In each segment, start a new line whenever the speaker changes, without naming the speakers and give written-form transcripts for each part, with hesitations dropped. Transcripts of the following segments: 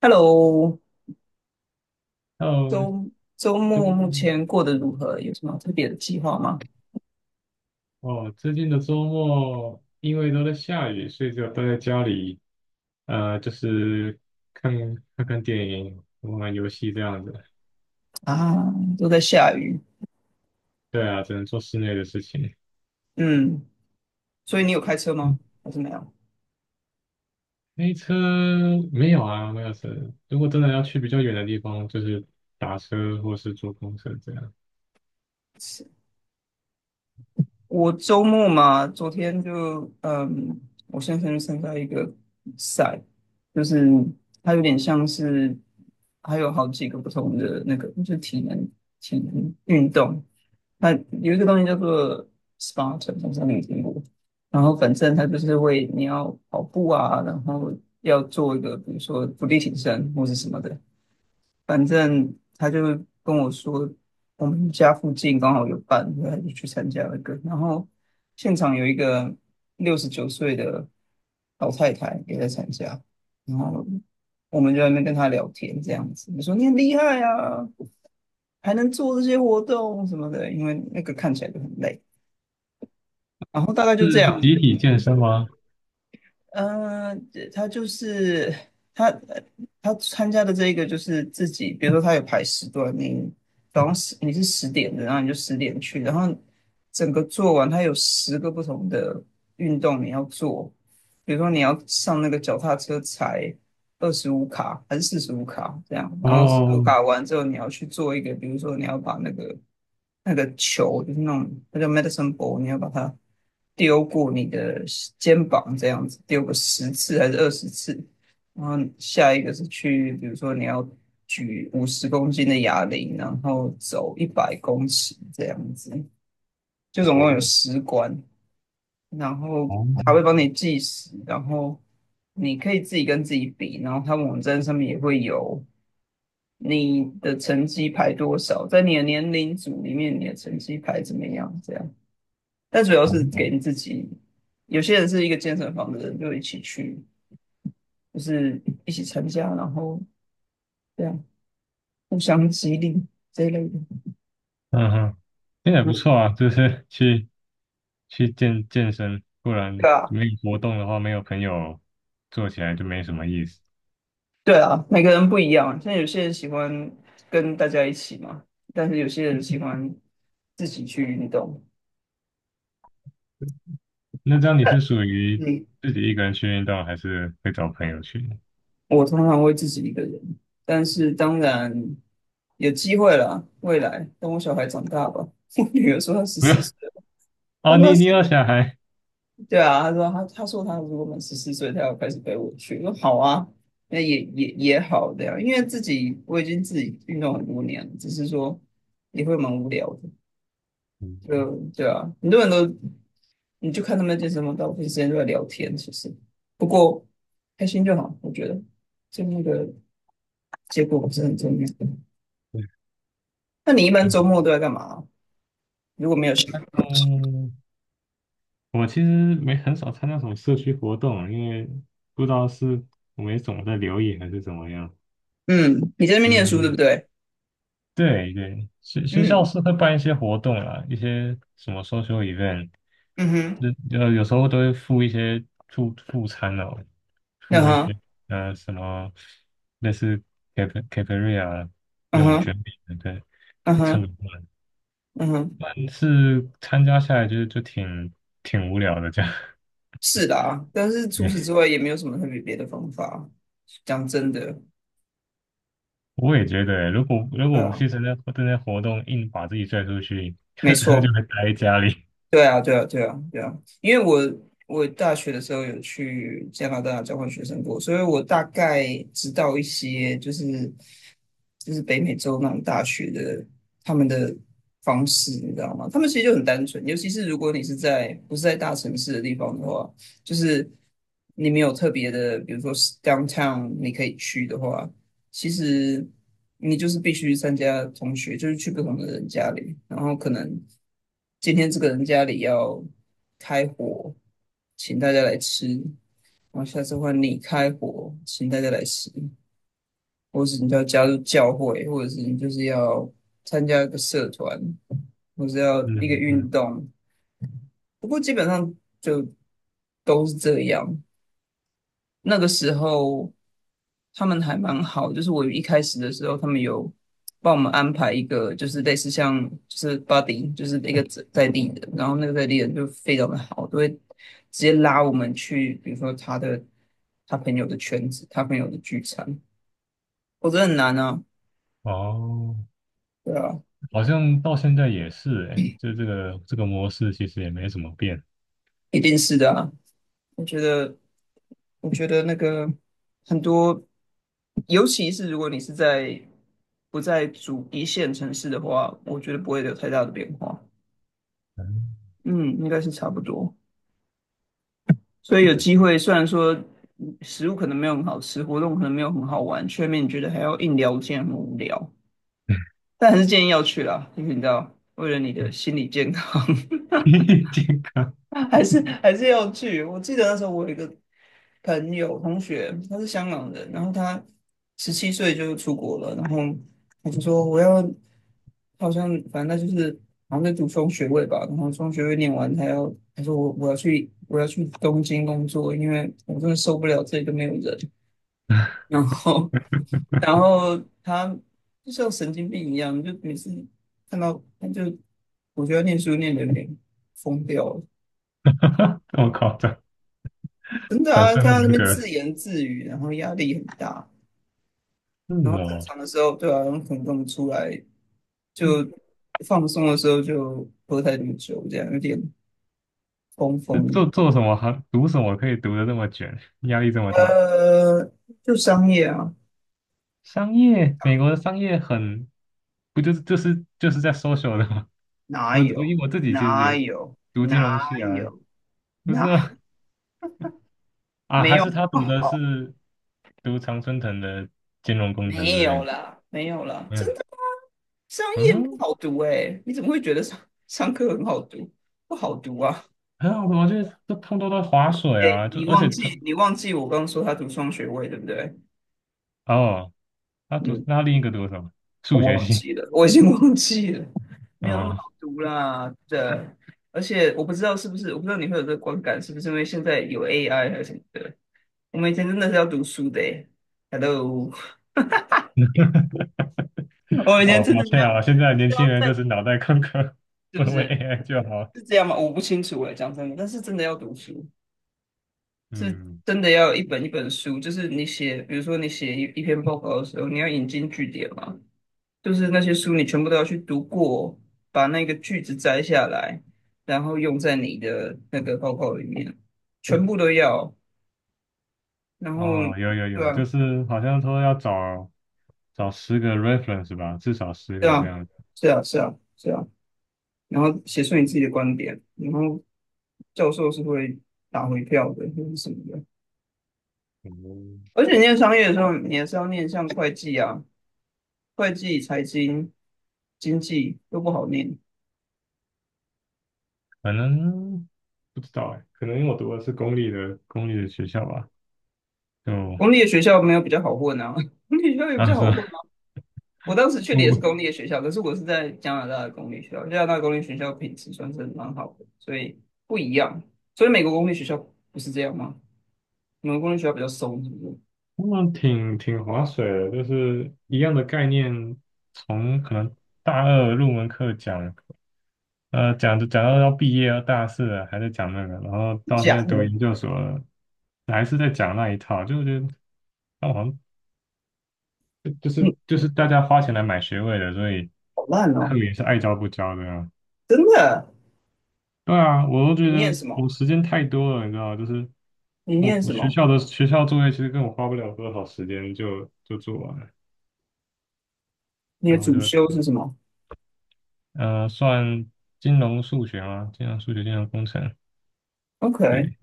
Hello，
哦，
周周
周
末目
末
前过得如何？有什么特别的计划吗？
哦，最近的周末因为都在下雨，所以就待在家里，就是看看看电影、玩玩游戏这样子。
啊，都在下雨。
对啊，只能做室内的事情。
嗯，所以你有开车吗？
嗯，
还是没有？
开车，没有啊，没有车。如果真的要去比较远的地方，就是打车或是坐公车这样。
我周末嘛，昨天就我先生去参加一个比赛，就是它有点像是，还有好几个不同的那个，就是体能运动，它有一个东西叫做 Spartan，好像你有听过。然后反正他就是会，你要跑步啊，然后要做一个比如说伏地挺身或是什么的，反正他就跟我说，我们家附近刚好有办，然后他就去参加那个。然后现场有一个69岁的老太太也在参加，然后我们就在那边跟她聊天，这样子。我说你很厉害啊，还能做这些活动什么的，因为那个看起来就很累。然后大概就这
是
样，
集体健身吗？
嗯，他就是他，呃他参加的这个就是自己，比如说他有排时段，你早上十你是十点的，然后你就十点去，然后整个做完，他有10个不同的运动你要做，比如说你要上那个脚踏车踩25卡还是四十五卡这样，然后四十五
哦，
卡完之后你要去做一个，比如说你要把那个球，就是那种那叫 medicine ball，你要把它丢过你的肩膀，这样子丢个十次还是20次。然后下一个是去，比如说你要举50公斤的哑铃，然后走100公尺这样子，就总
哦，
共有10关。然后
哦，
他会帮你计时，然后你可以自己跟自己比，然后他网站上面也会有你的成绩排多少，在你的年龄组里面你的成绩排怎么样，这样。但主要是给你自己。有些人是一个健身房的人，就一起去，就是一起参加，然后这样互相激励这一类的。
嗯哼，那也
嗯，
不错啊，就是去健身，不然
对啊，
没有活动的话，没有朋友做起来就没什么意思。
对啊，每个人不一样。像有些人喜欢跟大家一起嘛，但是有些人喜欢自己去运动。
那这样你是属于
嗯，
自己一个人去运动，还是会找朋友去呢？
我通常会自己一个人，但是当然有机会啦，未来等我小孩长大吧。我女儿说她十
没有。
四岁了，她
哦，
说
你有小孩？
对啊，他说他如果满十四岁，他要开始陪我去。我说好啊，那也好的呀，因为自己我已经自己运动很多年了，只是说也会蛮无聊的。
嗯，
就对啊，很多人都你就看他们健身房，大部分时间都在聊天，其实不过开心就好，我觉得就那个结果不是很重要。
对。
那你一般周末都在干嘛？如果没有事，
嗯，我其实没很少参加什么社区活动，因为不知道是我没总在留意还是怎么样。
嗯，你在那边念书对
嗯，
不对？
对对，学校
嗯
是会办一些活动啦，一些什么 SOCI event，
嗯哼，
那有时候都会付一些助餐哦，
嗯
付一些
哼，
什么类似 Capria
嗯
那种卷
哼，
饼的，对，
嗯
就蹭个
哼，
饭。
嗯哼。
但是参加下来就挺无聊的这样。
是啦，但是除此之
对，
外也没有什么特别别的方法。讲真的，
我也觉得欸，如果如
对
果不
啊，
去参加活动，硬把自己拽出去，
没
真的
错，
就会待在家里。
对啊，对啊，对啊，对啊。因为我大学的时候有去加拿大交换学生过，所以我大概知道一些，就是北美洲那种大学的他们的方式，你知道吗？他们其实就很单纯，尤其是如果你是不是在大城市的地方的话，就是你没有特别的，比如说 downtown 你可以去的话。其实你就是必须参加同学，就是去不同的人家里，然后可能今天这个人家里要开火，请大家来吃，然后下次换你开火，请大家来吃，或是你就要加入教会，或者是你就是要参加一个社团，或是要 一个
嗯嗯，
运动。不过基本上就都是这样。那个时候。他们还蛮好，就是我一开始的时候，他们有帮我们安排一个，就是类似像就是 buddy，就是一个在地的，然后那个在地人就非常的好，都会直接拉我们去，比如说他朋友的圈子，他朋友的聚餐，我觉得很难啊，
哦，
对啊，
好像到现在也是哎，就这个模式其实也没怎么变。
一定是的啊，我觉得我觉得那个很多，尤其是如果你是在不在主一线城市的话，我觉得不会有太大的变化。
嗯。
嗯，应该是差不多。所以有机会，虽然说食物可能没有很好吃，活动可能没有很好玩，却面你觉得还要硬聊，天很无聊。但还是建议要去啦，因为你知道，为了你的心理健康。
健康。
还是要去。我记得那时候我有一个朋友同学，他是香港人，然后他17岁就出国了，然后我就说我要，好像反正他就是好像在读双学位吧，然后双学位念完，他说我要去东京工作，因为我真的受不了这里都没有人。然后然后他就像神经病一样，就每次看到他就我觉得念书念的有点疯掉了，
这么夸张。
真的
反
啊，
社会
看他那
人
边
格
自
是
言自语，然后压力很大，然后正
哦，
常的时候，对啊，然后可能跟我们出来就放松的时候就喝太多酒，这样有点疯
这
疯的。
做什么行，读什么可以读的这么卷，压力这么大？
呃，就商业啊，
商业，美国的商业很，不就是在 social 的吗？
哪
我
有
因为我自己其实
哪
也
有
读金融
哪
系啊。
有
不是
哪
啊，啊
没
还
有
是他
不
读的
好，
是读常春藤的金融工程
没
之类
有
的，
啦，没有啦，
没
真
有，
的商业不
嗯，
好读哎、你怎么会觉得上商科很好读？不好读啊！
还有我觉得这通通都在划水
哎、
啊，就
你
而
忘
且
记
这
你忘记我刚刚说他读双学位对不对？
哦，
嗯，
那他另一个读什么？
我
数学
忘
系。
记了，我已经忘记了，没有那么
哦
好读啦。对，而且我不知道是不是，我不知道你会有这个观感，是不是因为现在有 AI 还是什么的？我们以前真的是要读书的诶，Hello，我们以前
哦，
真
抱
的是
歉
要
啊，现
是
在年轻
要
人就
在，
是脑袋空空，
是不
问问
是
AI 就好。
是这样吗？我不清楚诶，讲真的，但是真的要读书，是
嗯，
真的要一本一本书，就是你写，比如说你写一篇报告的时候，你要引经据典嘛。就是那些书你全部都要去读过，把那个句子摘下来，然后用在你的那个报告里面，全部都要。然后，
哦，有有
对
有，
啊，
就是好像说要找找10个 reference 吧，至少十
对
个这
啊，
样。
是啊，是啊，是啊。然后写出你自己的观点，然后教授是会打回票的，或是什么的。
嗯，
而且念商业的时候，你还是要念像会计啊、会计、财经、经济都不好念。
可能不知道哎，可能因为我读的是公立的学校吧，就
公立的学校没有比较好混啊，公立学校也比较
啊是
好
吧？
混。我当时去 的也是
我
公立的学校，可是我是在加拿大的公立学校，加拿大公立学校品质算是蛮好的，所以不一样。所以美国公立学校不是这样吗？美国公立学校比较松，是不是？
他们挺划水的，就是一样的概念，从可能大二入门课讲。讲着讲到要毕业要大四了，还在讲那个，然后到现在
假
读
的，
研究所了，还是在讲那一套，就觉得那好像就就
嗯，
是就是大家花钱来买学位的，所以
好烂
他
哦，
们也是爱教不教的啊。
真的。
对啊，我都觉
你念
得
什
我
么？
时间太多了，你知道吗就是
你
我
念
我
什么？
学校作业其实跟我花不了多少时间就做完了，
你的
然后
主
就
修是什么
算金融数学嘛，金融数学、金融工程，
？OK，
对，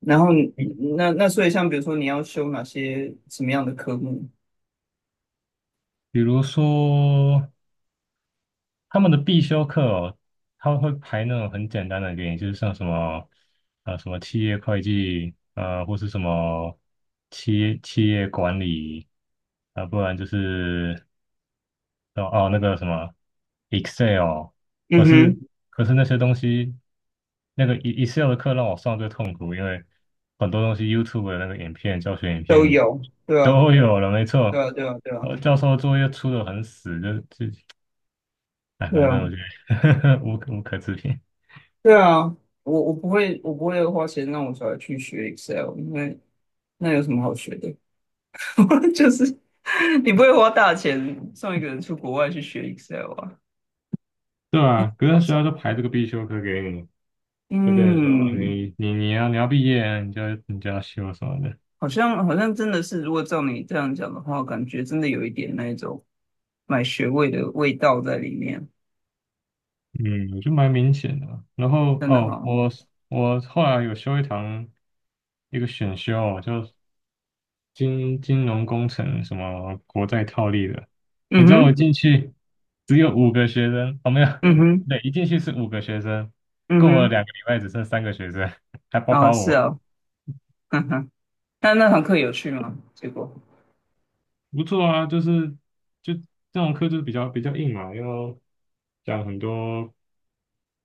然后你那所以像比如说你要修哪些什么样的科目？
比如说。他们的必修课哦，他们会排那种很简单的给你，就是像什么企业会计，或是什么企业管理，啊、不然就是哦哦那个什么 Excel，可
嗯
是
哼，
可是那些东西，那个 Excel 的课让我上最痛苦，因为很多东西 YouTube 的那个教学影
都
片
有，对啊，
都有了，没
对
错。
啊，对啊，对啊，
教授作业出的很死，就自己。哎，
对
反
啊。
正我觉得 无可置评。
对啊，我不会，我不会花钱让我小孩去学 Excel，因为那有什么好学的？就是你不会花大钱送一个人出国外去学 Excel 啊？
对啊，可
夸
是学校就
张。
排这个必修课给你，就变成说啊
嗯，
你要毕业啊你就要修什么的。
好像真的是，如果照你这样讲的话，感觉真的有一点那一种买学位的味道在里面，
嗯，我觉得蛮明显的啊然后
真的
哦，
哈、
我后来有修一堂一个选修就金融工程什么国债套利的。你知道我
嗯哼，
进去只有五个学生，哦没有，
嗯哼，
对，一进去是五个学生，过了
嗯哼，
2个礼拜只剩3个学生，还包括
啊是
我。
啊、哦，哼哼，那那堂课有趣吗？结果，
不错啊，就是就这种课就是比较硬嘛，要讲很多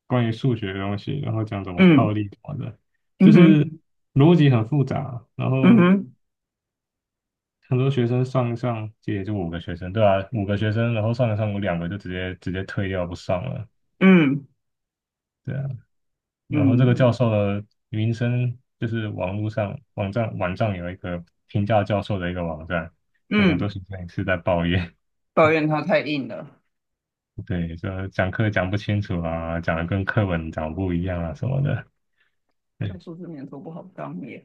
关于数学的东西，然后讲怎么套
嗯，
利什么的，就
嗯
是
哼，
逻辑很复杂。然
嗯
后
哼，
很多学生上一上，这也就五个学生，对啊，五个学生，然后上一上有两个就直接退掉不上了，
嗯。
对啊。然后这个
嗯
教授的名声就是网络上网站有一个评价教授的一个网站，有很多
嗯，
学生也是在抱怨。
抱怨它太硬了，
对，说讲课讲不清楚啊，讲的跟课本讲不一样啊什么的。对，
教硕士年头不好当耶。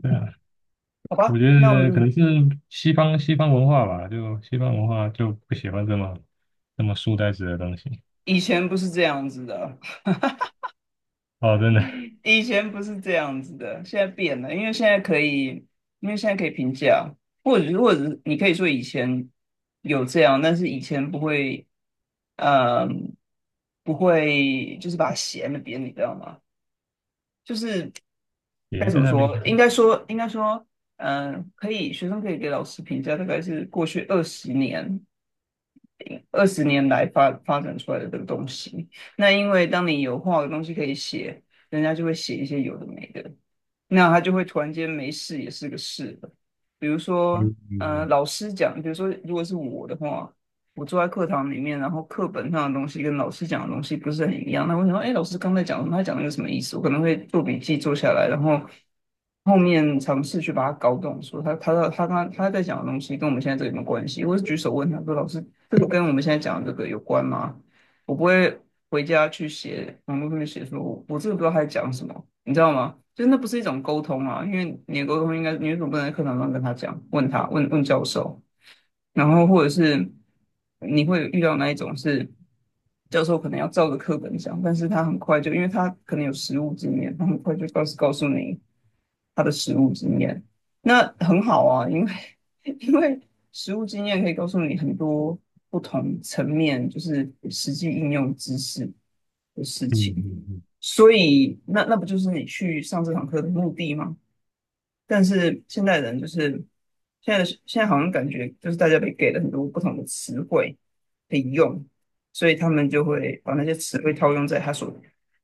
对啊，
好
我
吧，
觉
那我
得可
们
能是西方文化吧，就西方文化就不喜欢这么书呆子的东西。
以前不是这样子的，
哦，真的，
以前不是这样子的，现在变了，因为现在可以评价，或者是你可以说以前有这样，但是以前不会，嗯，不会就是把弦的扁，你知道吗？
爷
该
爷
怎
在
么
那边
说？
是什
应
么，
该说，应该说，嗯，可以，学生可以给老师评价，大概是过去二十年。二十年来发展出来的这个东西。那因为当你有画的东西可以写，人家就会写一些有的没的。那他就会突然间没事也是个事了。比如说，
嗯
嗯，
嗯
老师讲，比如说，如果是我的话，我坐在课堂里面，然后课本上的东西跟老师讲的东西不是很一样，那我想说，哎，老师刚才讲什么？他讲的个什么意思？我可能会做笔记做下来，然后后面尝试去把它搞懂，说他在讲的东西跟我们现在这有没有关系？我是举手问他说，老师，这个跟我们现在讲的这个有关吗？我不会回家去写网络上面写说我真的不知道他在讲什么，你知道吗？就是那不是一种沟通啊，因为你的沟通应该你为什么不能在课堂上跟他讲，问问教授？然后或者是你会遇到那一种是教授可能要照着课本讲，但是他很快就，因为他可能有实务经验，他很快就告诉你他的实务经验，那很好啊，因为 因为实务经验可以告诉你很多不同层面，就是实际应用知识的事
嗯
情，
嗯嗯，
所以那不就是你去上这堂课的目的吗？但是现代人就是现在好像感觉就是大家被给了很多不同的词汇可以用，所以他们就会把那些词汇套用在他所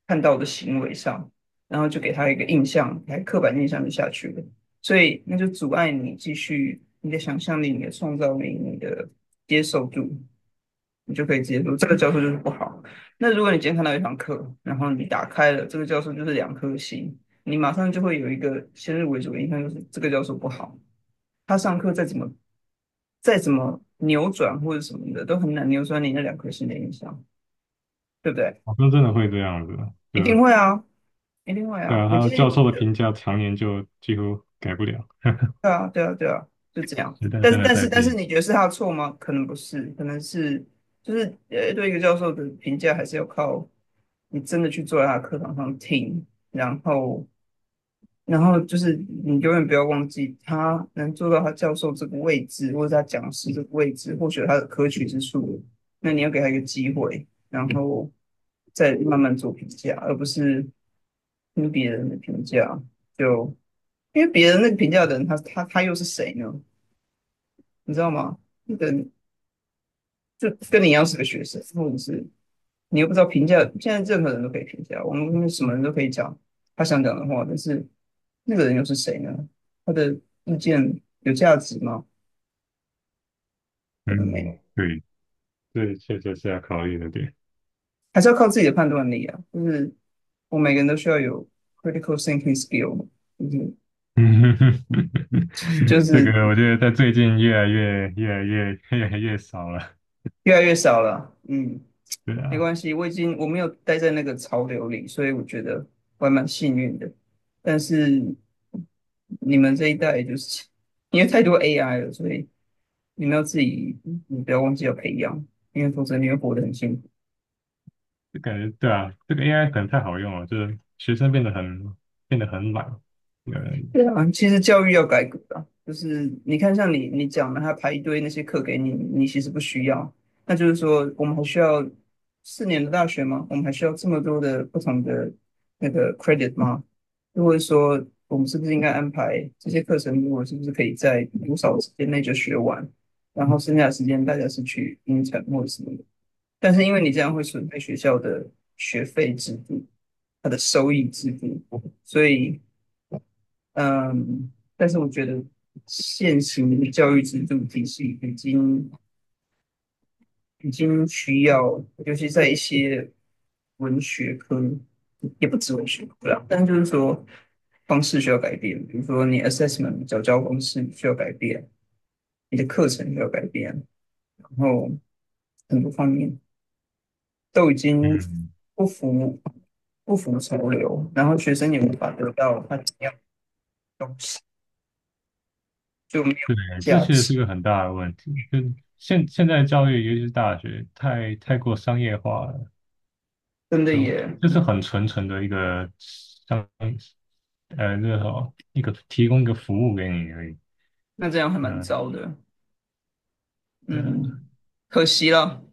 看到的行为上，然后就给他一个印象，来刻板印象就下去了，所以那就阻碍你继续你的想象力、你的创造力、你的接受度，你就可以接受这个教授就是不好。那如果你今天看到一堂课，然后你打开了这个教授就是2颗星。你马上就会有一个先入为主的印象，就是这个教授不好，他上课再怎么扭转或者什么的，都很难扭转你那2颗心的印象，对不对？
好像真的会这样子，就
一定会啊，一定会
对
啊。
啊，
你
他
今天
教授的评价常年就几乎改不了，
对啊，对啊，对啊，就这样。
时代
但
真
是
的
但
在
是但是，
变。
你觉得是他的错吗？可能不是，可能是就是对一个教授的评价还是要靠你真的去坐在他的课堂上听，然后就是你永远不要忘记，他能做到他教授这个位置，或者他讲师这个位置，或许他的可取之处，那你要给他一个机会，然后再慢慢做评价，而不是听别人的评价。就因为别人那个评价的人，他又是谁呢？你知道吗？那个人就跟你一样是个学生，或者是你又不知道评价。现在任何人都可以评价，我们什么人都可以讲他想讲的话，但是那个人又是谁呢？他的意见有价值吗？可能没有，
嗯，对，这确实是要考虑的点。
还是要靠自己的判断力啊。就是我每个人都需要有 critical thinking skill，嗯，
嗯，
就
这
是
个我觉得在最近越来越、越来越、越来越少了。
越来越少了。嗯，
对
没
啊，
关系，我已经我没有待在那个潮流里，所以我觉得我还蛮幸运的。但是你们这一代就是因为太多 AI 了，所以你们要自己，你不要忘记要培养，因为否则你会活得很辛苦。
就感觉对啊，这个 AI 可能太好用了，就是学生变得很懒。对，嗯，
对啊，其实教育要改革啊，就是你看，像你讲的，他排一堆那些课给你，你其实不需要。那就是说，我们还需要4年的大学吗？我们还需要这么多的不同的那个 credit 吗？如果说我们是不是应该安排这些课程，如果是不是可以在多少时间内就学完，然后剩下的时间大家是去英产或者什么的？但是因为你这样会损害学校的学费制度，它的收益制度，所以。嗯，但是我觉得现行的教育制度体系已经需要，尤其在一些文学科，也不止文学科啦，但就是说方式需要改变，比如说你 assessment 缴教方式需要改变，你的课程需要改变，然后很多方面都已经不符不符潮流，然后学生也无法得到他想要的东西，就没有
对这
价
确实
值，
是个很大的问题。就现在教育，尤其是大学，太过商业化了，
真的也
就是很纯纯的一个商，那个什么一个提供一个服务给你而已。
那这样还蛮
嗯，
糟的。
对啊，
嗯，可惜了，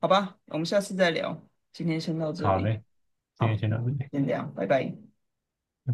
好吧，我们下次再聊，今天先到这
好
里，
嘞，今天
好，
先到这里。
先这样，拜拜。